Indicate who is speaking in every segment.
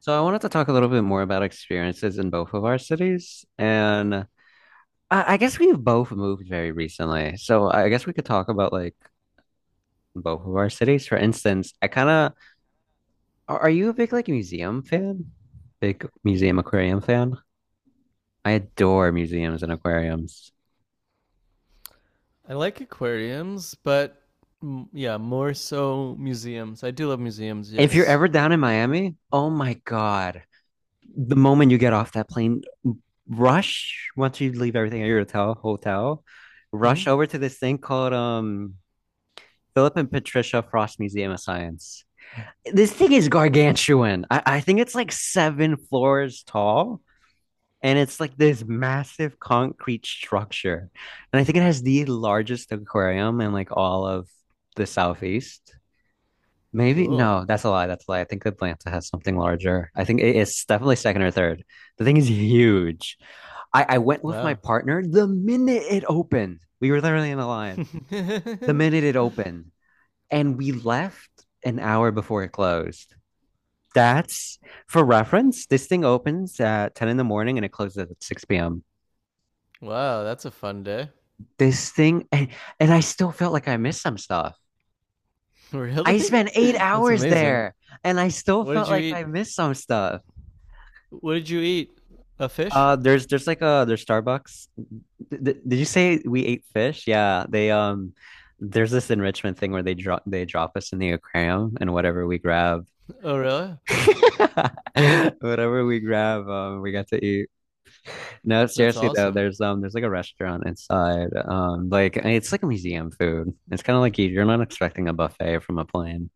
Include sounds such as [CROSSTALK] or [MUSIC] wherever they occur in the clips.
Speaker 1: So I wanted to talk a little bit more about experiences in both of our cities. And I guess we've both moved very recently. So I guess we could talk about like both of our cities. For instance, are you a big like museum fan? Big museum aquarium fan? I adore museums and aquariums.
Speaker 2: I like aquariums, but mm, yeah, more so museums. I do love museums,
Speaker 1: If you're
Speaker 2: yes.
Speaker 1: ever down in Miami, oh my God. The moment you get off that plane, rush once you leave everything at your hotel,
Speaker 2: hmm
Speaker 1: rush over to this thing called Philip and Patricia Frost Museum of Science. This thing is gargantuan. I think it's like 7 floors tall, and it's like this massive concrete structure. And I think it has the largest aquarium in like all of the southeast. Maybe
Speaker 2: Cool.
Speaker 1: no, that's a lie. That's a lie. I think Atlanta has something larger. I think it's definitely second or third. The thing is huge. I went with my
Speaker 2: Wow.
Speaker 1: partner the minute it opened. We were literally in the line. The
Speaker 2: [LAUGHS]
Speaker 1: minute it opened, and we left an hour before it closed. That's for reference. This thing opens at 10 in the morning and it closes at 6 p.m.
Speaker 2: Wow, that's a fun day. [LAUGHS]
Speaker 1: This thing, and, and I still felt like I missed some stuff.
Speaker 2: Really?
Speaker 1: I spent eight
Speaker 2: [LAUGHS] That's
Speaker 1: hours
Speaker 2: amazing.
Speaker 1: there and I still
Speaker 2: What did
Speaker 1: felt
Speaker 2: you
Speaker 1: like
Speaker 2: eat?
Speaker 1: I missed some stuff.
Speaker 2: What did you eat? A fish?
Speaker 1: There's like a there's Starbucks. Did you say we ate fish? Yeah, they there's this enrichment thing where they drop us in the aquarium and
Speaker 2: Oh, really?
Speaker 1: [LAUGHS] whatever we grab, we got to eat. No,
Speaker 2: That's
Speaker 1: seriously though,
Speaker 2: awesome.
Speaker 1: there's like a restaurant inside. Like it's like a museum food. It's kind of like you're not expecting a buffet from a plane.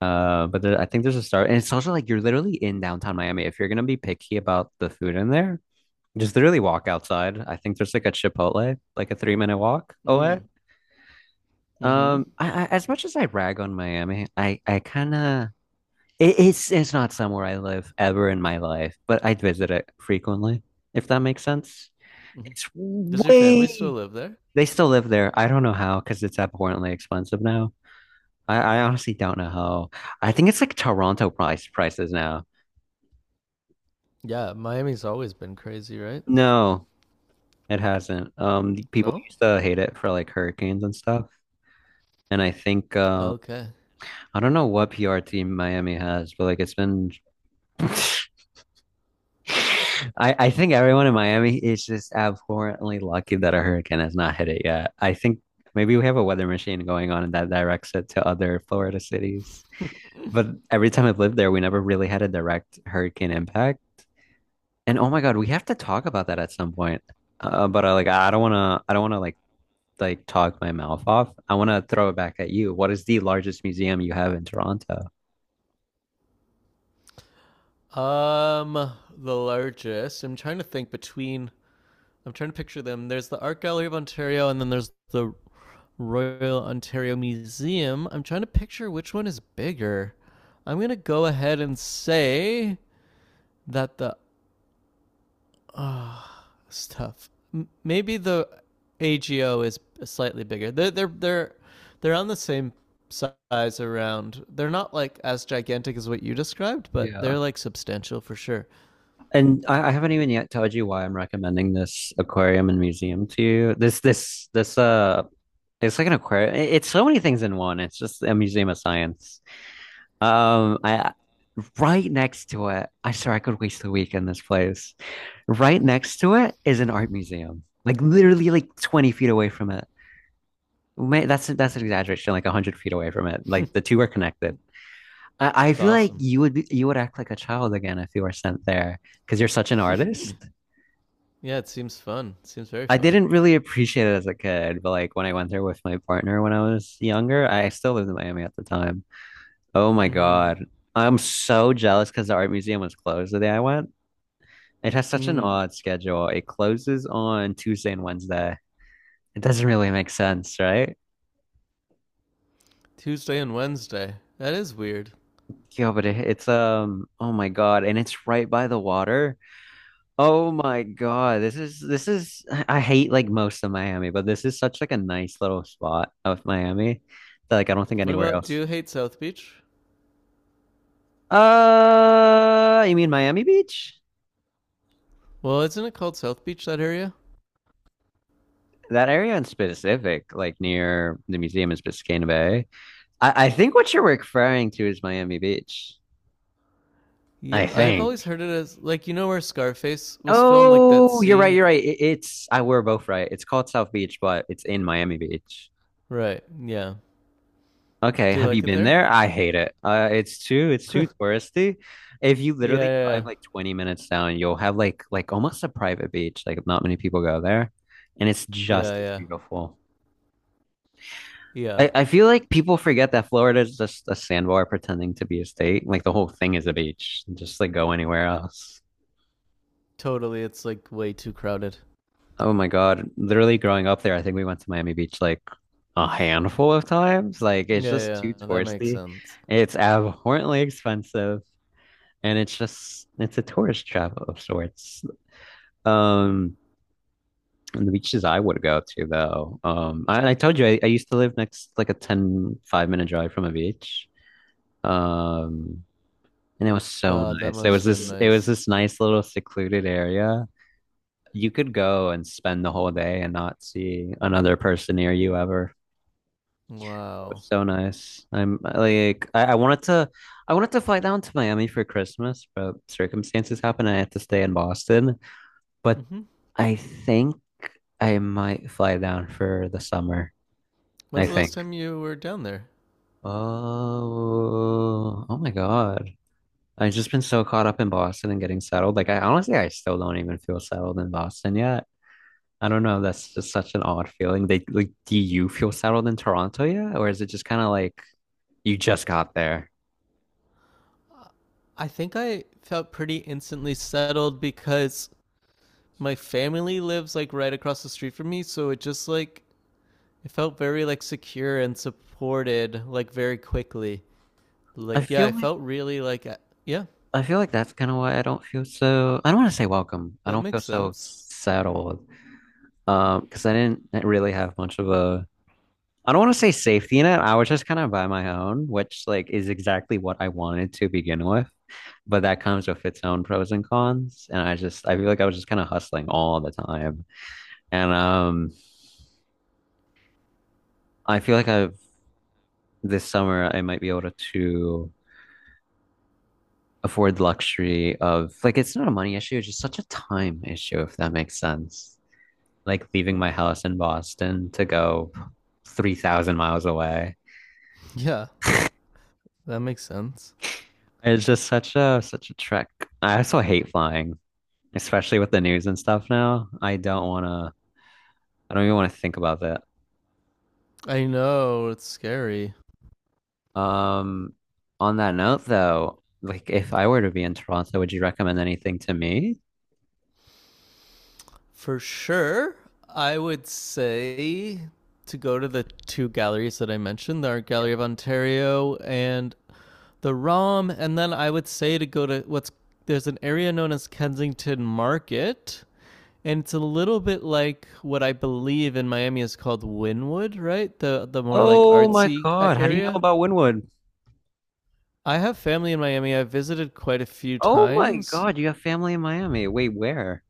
Speaker 1: But there, I think there's a star, and it's also like you're literally in downtown Miami. If you're gonna be picky about the food in there, just literally walk outside. I think there's like a Chipotle, like a 3-minute walk away.
Speaker 2: Mm. Mm-hmm.
Speaker 1: I as much as I rag on Miami, I kind of it's not somewhere I live ever in my life, but I'd visit it frequently, if that makes sense.
Speaker 2: hmm
Speaker 1: It's
Speaker 2: Does your family still
Speaker 1: way.
Speaker 2: live there?
Speaker 1: They still live there. I don't know how because it's abhorrently expensive now. I honestly don't know how. I think it's like Toronto prices now.
Speaker 2: Yeah, Miami's always been crazy, right?
Speaker 1: No, it hasn't. The people
Speaker 2: No?
Speaker 1: used to hate it for like hurricanes and stuff. And I think
Speaker 2: Okay.
Speaker 1: I don't know what PR team Miami has, but like it's been. [LAUGHS] I think everyone in Miami is just abhorrently lucky that a hurricane has not hit it yet. I think maybe we have a weather machine going on that directs it to other Florida cities. But every time I've lived there, we never really had a direct hurricane impact. And oh my God, we have to talk about that at some point. But I like I don't want to like talk my mouth off. I want to throw it back at you. What is the largest museum you have in Toronto?
Speaker 2: Um, the largest. I'm trying to picture them. There's the Art Gallery of Ontario, and then there's the Royal Ontario Museum. I'm trying to picture which one is bigger. I'm gonna go ahead and say that the stuff. Maybe the AGO is slightly bigger. They're on the same size around. They're not like as gigantic as what you described, but
Speaker 1: Yeah.
Speaker 2: they're like substantial for sure.
Speaker 1: And I haven't even yet told you why I'm recommending this aquarium and museum to you. This it's like an aquarium. It's so many things in one. It's just a museum of science. I right next to it, I swear I could waste a week in this place. Right next to it is an art museum, like literally like 20 feet away from it. That's an exaggeration, like 100 feet away from it. Like the two are connected. I
Speaker 2: It's
Speaker 1: feel like
Speaker 2: awesome.
Speaker 1: you would be, you would act like a child again if you were sent there because you're such an artist.
Speaker 2: Yeah, it seems fun. It seems very
Speaker 1: I
Speaker 2: fun.
Speaker 1: didn't really appreciate it as a kid, but like when I went there with my partner when I was younger, I still lived in Miami at the time. Oh my
Speaker 2: Mm-hmm.
Speaker 1: God. I'm so jealous because the art museum was closed the day I went. It has such an
Speaker 2: Mm.
Speaker 1: odd schedule. It closes on Tuesday and Wednesday. It doesn't really make sense, right?
Speaker 2: Tuesday and Wednesday. That is weird.
Speaker 1: Yeah, but it, it's um oh my God, and it's right by the water. Oh my God. This is [SIGHS] I hate like most of Miami, but this is such like a nice little spot of Miami that like I don't think
Speaker 2: What
Speaker 1: anywhere
Speaker 2: about do
Speaker 1: else.
Speaker 2: you hate South Beach?
Speaker 1: You mean Miami Beach?
Speaker 2: Well, isn't it called South Beach that area?
Speaker 1: That area in specific, like near the museum in Biscayne Bay. I think what you're referring to is Miami Beach.
Speaker 2: Yeah,
Speaker 1: I
Speaker 2: I've always
Speaker 1: think.
Speaker 2: heard it as like you know where Scarface was filmed, like that
Speaker 1: Oh, you're right.
Speaker 2: scene.
Speaker 1: You're right. It, it's I were both right. It's called South Beach, but it's in Miami Beach.
Speaker 2: Right. Yeah.
Speaker 1: Okay,
Speaker 2: Do you
Speaker 1: have you
Speaker 2: like it
Speaker 1: been
Speaker 2: there?
Speaker 1: there? I hate it. Uh, it's too it's
Speaker 2: [LAUGHS] Yeah,
Speaker 1: too touristy. If you
Speaker 2: yeah,
Speaker 1: literally
Speaker 2: yeah,
Speaker 1: drive like 20 minutes down, you'll have like almost a private beach. Like not many people go there, and it's
Speaker 2: yeah,
Speaker 1: just as
Speaker 2: yeah,
Speaker 1: beautiful.
Speaker 2: yeah.
Speaker 1: I feel like people forget that Florida is just a sandbar pretending to be a state. Like the whole thing is a beach. Just like go anywhere else.
Speaker 2: Totally. It's like way too crowded.
Speaker 1: Oh my God. Literally growing up there, I think we went to Miami Beach like a handful of times. Like
Speaker 2: Yeah,
Speaker 1: it's just
Speaker 2: yeah,
Speaker 1: too
Speaker 2: yeah. That makes
Speaker 1: touristy.
Speaker 2: sense.
Speaker 1: It's abhorrently expensive, and it's just it's a tourist trap of sorts. Um, and the beaches I would go to though. I told you I used to live next like a ten-five minute drive from a beach. Um, and it was so
Speaker 2: God, that
Speaker 1: nice. It
Speaker 2: must
Speaker 1: was
Speaker 2: have been
Speaker 1: this it was
Speaker 2: nice.
Speaker 1: this nice little secluded area. You could go and spend the whole day and not see another person near you ever.
Speaker 2: Wow.
Speaker 1: So nice. I'm like I wanted to fly down to Miami for Christmas, but circumstances happened and I had to stay in Boston. But
Speaker 2: hmm
Speaker 1: I think I might fly down for the summer,
Speaker 2: When's
Speaker 1: I
Speaker 2: the last
Speaker 1: think.
Speaker 2: time you were down there?
Speaker 1: Oh my God. I've just been so caught up in Boston and getting settled. Like I honestly I still don't even feel settled in Boston yet. I don't know. That's just such an odd feeling. They like do you feel settled in Toronto yet? Or is it just kind of like you just got there?
Speaker 2: I think I felt pretty instantly settled because my family lives like right across the street from me, so it just like it felt very like secure and supported like very quickly.
Speaker 1: I
Speaker 2: Like yeah,
Speaker 1: feel
Speaker 2: I
Speaker 1: like
Speaker 2: felt really like yeah,
Speaker 1: I feel like that's kind of why I don't feel so, I don't want to say welcome. I
Speaker 2: that
Speaker 1: don't feel
Speaker 2: makes
Speaker 1: so
Speaker 2: sense. [LAUGHS]
Speaker 1: settled. Because I didn't really have much of a, I don't want to say safety net. I was just kind of by my own, which like is exactly what I wanted to begin with. But that comes with its own pros and cons. And I just, I feel like I was just kind of hustling all the time. And I feel like this summer, I might be able to afford the luxury of, like, it's not a money issue. It's just such a time issue, if that makes sense, like leaving my house in Boston to go 3,000 miles away.
Speaker 2: Yeah, that makes sense.
Speaker 1: It's just such a trek. I also hate flying, especially with the news and stuff now. I don't even want to think about that.
Speaker 2: I know it's scary.
Speaker 1: Um, on that note though, like if I were to be in Toronto, would you recommend anything to me?
Speaker 2: For sure, I would say to go to the two galleries that I mentioned, the Art Gallery
Speaker 1: Yeah.
Speaker 2: of Ontario and the ROM, and then I would say to go to what's there's an area known as Kensington Market. And it's a little bit like what I believe in Miami is called Wynwood, right? The more like
Speaker 1: Oh my
Speaker 2: artsy
Speaker 1: God, how do you know
Speaker 2: area.
Speaker 1: about Wynwood?
Speaker 2: I have family in Miami. I've visited quite a few
Speaker 1: Oh my
Speaker 2: times.
Speaker 1: God, you have family in Miami. Wait, where?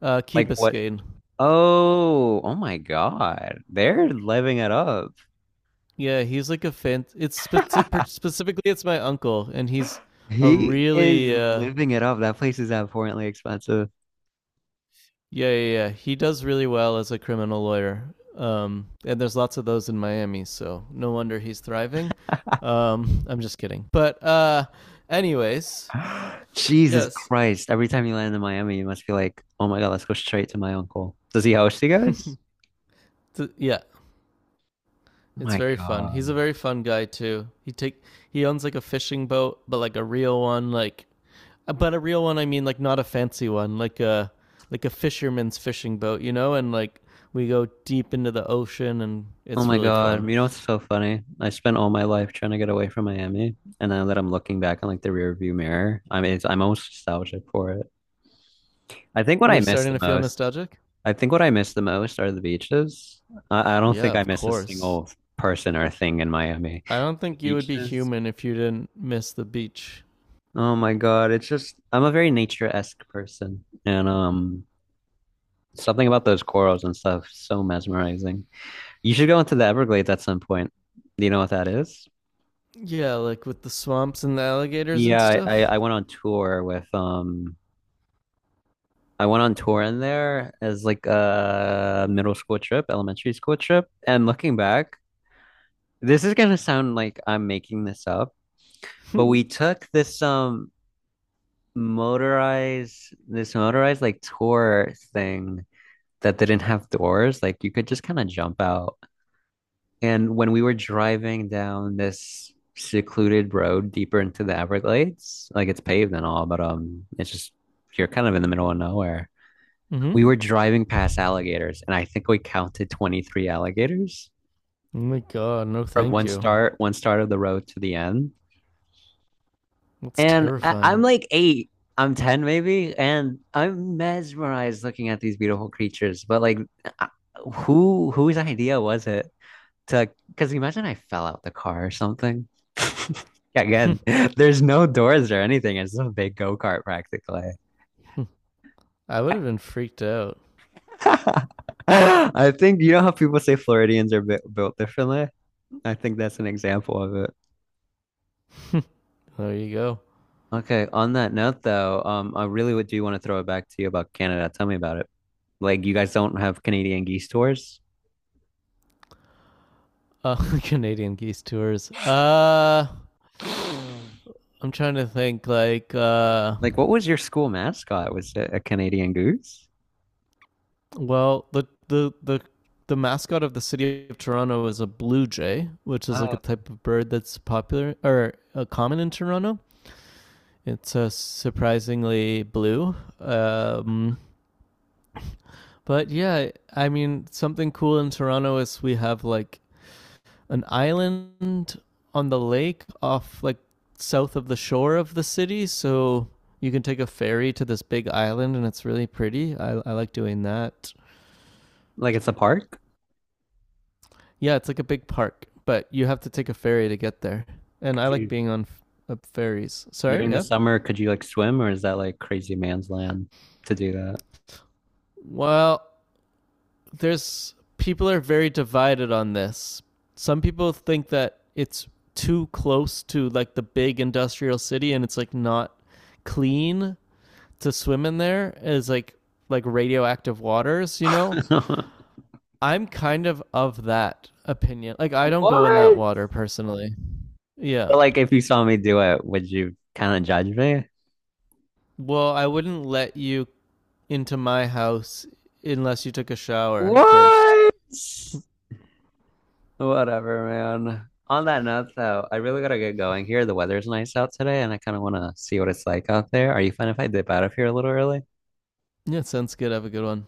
Speaker 2: Key
Speaker 1: Like what?
Speaker 2: Biscayne.
Speaker 1: Oh my God. They're living it up.
Speaker 2: Yeah, he's like a fan. It's
Speaker 1: [LAUGHS]
Speaker 2: specifically it's my uncle, and he's a
Speaker 1: He is
Speaker 2: really
Speaker 1: living it up. That place is abhorrently expensive.
Speaker 2: yeah, yeah, yeah. He does really well as a criminal lawyer. And there's lots of those in Miami, so no wonder he's thriving. I'm just kidding. But anyways,
Speaker 1: [GASPS] Jesus
Speaker 2: yes,
Speaker 1: Christ. Every time you land in Miami, you must be like, oh my God, let's go straight to my uncle. Does he host you guys?
Speaker 2: [LAUGHS] yeah, it's
Speaker 1: My
Speaker 2: very fun. He's
Speaker 1: God.
Speaker 2: a very fun guy too. He owns like a fishing boat, but like a real one, like but a real one. I mean, like not a fancy one, like a fisherman's fishing boat. And like we go deep into the ocean, and
Speaker 1: Oh
Speaker 2: it's
Speaker 1: my
Speaker 2: really
Speaker 1: God.
Speaker 2: fun.
Speaker 1: You know what's so funny? I spent all my life trying to get away from Miami. And now that I'm looking back on like the rear view mirror, I mean, I'm almost nostalgic for it. I think what I
Speaker 2: You're
Speaker 1: miss
Speaker 2: starting
Speaker 1: the
Speaker 2: to feel
Speaker 1: most,
Speaker 2: nostalgic.
Speaker 1: I think what I miss the most are the beaches. I don't
Speaker 2: Yeah,
Speaker 1: think I
Speaker 2: of
Speaker 1: miss a
Speaker 2: course.
Speaker 1: single person or thing in Miami.
Speaker 2: I don't
Speaker 1: The
Speaker 2: think you would be
Speaker 1: beaches.
Speaker 2: human if you didn't miss the beach.
Speaker 1: Oh my God, it's just I'm a very nature-esque person, and something about those corals and stuff so mesmerizing. You should go into the Everglades at some point. Do you know what that is?
Speaker 2: Yeah, like with the swamps and the alligators and
Speaker 1: Yeah,
Speaker 2: stuff.
Speaker 1: I went on tour in there as like a middle school trip, elementary school trip, and looking back, this is gonna sound like I'm making this up,
Speaker 2: [LAUGHS]
Speaker 1: but
Speaker 2: mm-hmm.
Speaker 1: we took this motorized like tour thing that didn't have doors. Like you could just kind of jump out. And when we were driving down this secluded road deeper into the Everglades, like it's paved and all, but it's just you're kind of in the middle of nowhere.
Speaker 2: Oh
Speaker 1: We were driving past alligators, and I think we counted 23 alligators
Speaker 2: my god, no,
Speaker 1: from
Speaker 2: thank
Speaker 1: one
Speaker 2: you.
Speaker 1: start, one start of the road to the end.
Speaker 2: That's
Speaker 1: And I'm
Speaker 2: terrifying.
Speaker 1: like 8, I'm 10 maybe, and I'm mesmerized looking at these beautiful creatures. But like, I- whose idea was it? To because imagine I fell out the car or something. [LAUGHS] Again, there's no doors or anything. It's just a big go-kart practically.
Speaker 2: I would have been freaked out.
Speaker 1: [LAUGHS] I think you know how people say Floridians are built differently? I think that's an example of it.
Speaker 2: [LAUGHS] There you go.
Speaker 1: Okay, on that note though, I really would do want to throw it back to you about Canada. Tell me about it. Like you guys don't have Canadian geese tours?
Speaker 2: Uh, [LAUGHS] Canadian geese tours. I'm trying to think. Like,
Speaker 1: Like what was your school mascot? Was it a Canadian goose?
Speaker 2: well, the mascot of the city of Toronto is a blue jay, which is like a
Speaker 1: Oh,
Speaker 2: type of bird that's popular or common in Toronto. It's surprisingly blue. But yeah, I mean, something cool in Toronto is we have like an island on the lake off like south of the shore of the city. So you can take a ferry to this big island and it's really pretty. I like doing that.
Speaker 1: like it's a park?
Speaker 2: Yeah, it's like a big park, but you have to take a ferry to get there. And I
Speaker 1: Could
Speaker 2: like
Speaker 1: you
Speaker 2: being on ferries. Sorry,
Speaker 1: During the
Speaker 2: yeah.
Speaker 1: summer, could you like swim, or is that like crazy man's land to do
Speaker 2: Well, there's people are very divided on this. Some people think that it's too close to like the big industrial city and it's like not clean to swim in there is like radioactive waters, you know?
Speaker 1: that? [LAUGHS]
Speaker 2: I'm kind of that opinion. Like I don't go in that
Speaker 1: What?
Speaker 2: water personally. Yeah.
Speaker 1: But, like, if you saw me do it, would you kind of judge me?
Speaker 2: Well, I wouldn't let you into my house unless you took a shower first.
Speaker 1: What? Whatever, man. On that note, though, I really gotta get going here. The weather's nice out today, and I kind of want to see what it's like out there. Are you fine if I dip out of here a little early?
Speaker 2: Yeah, sounds good. Have a good one.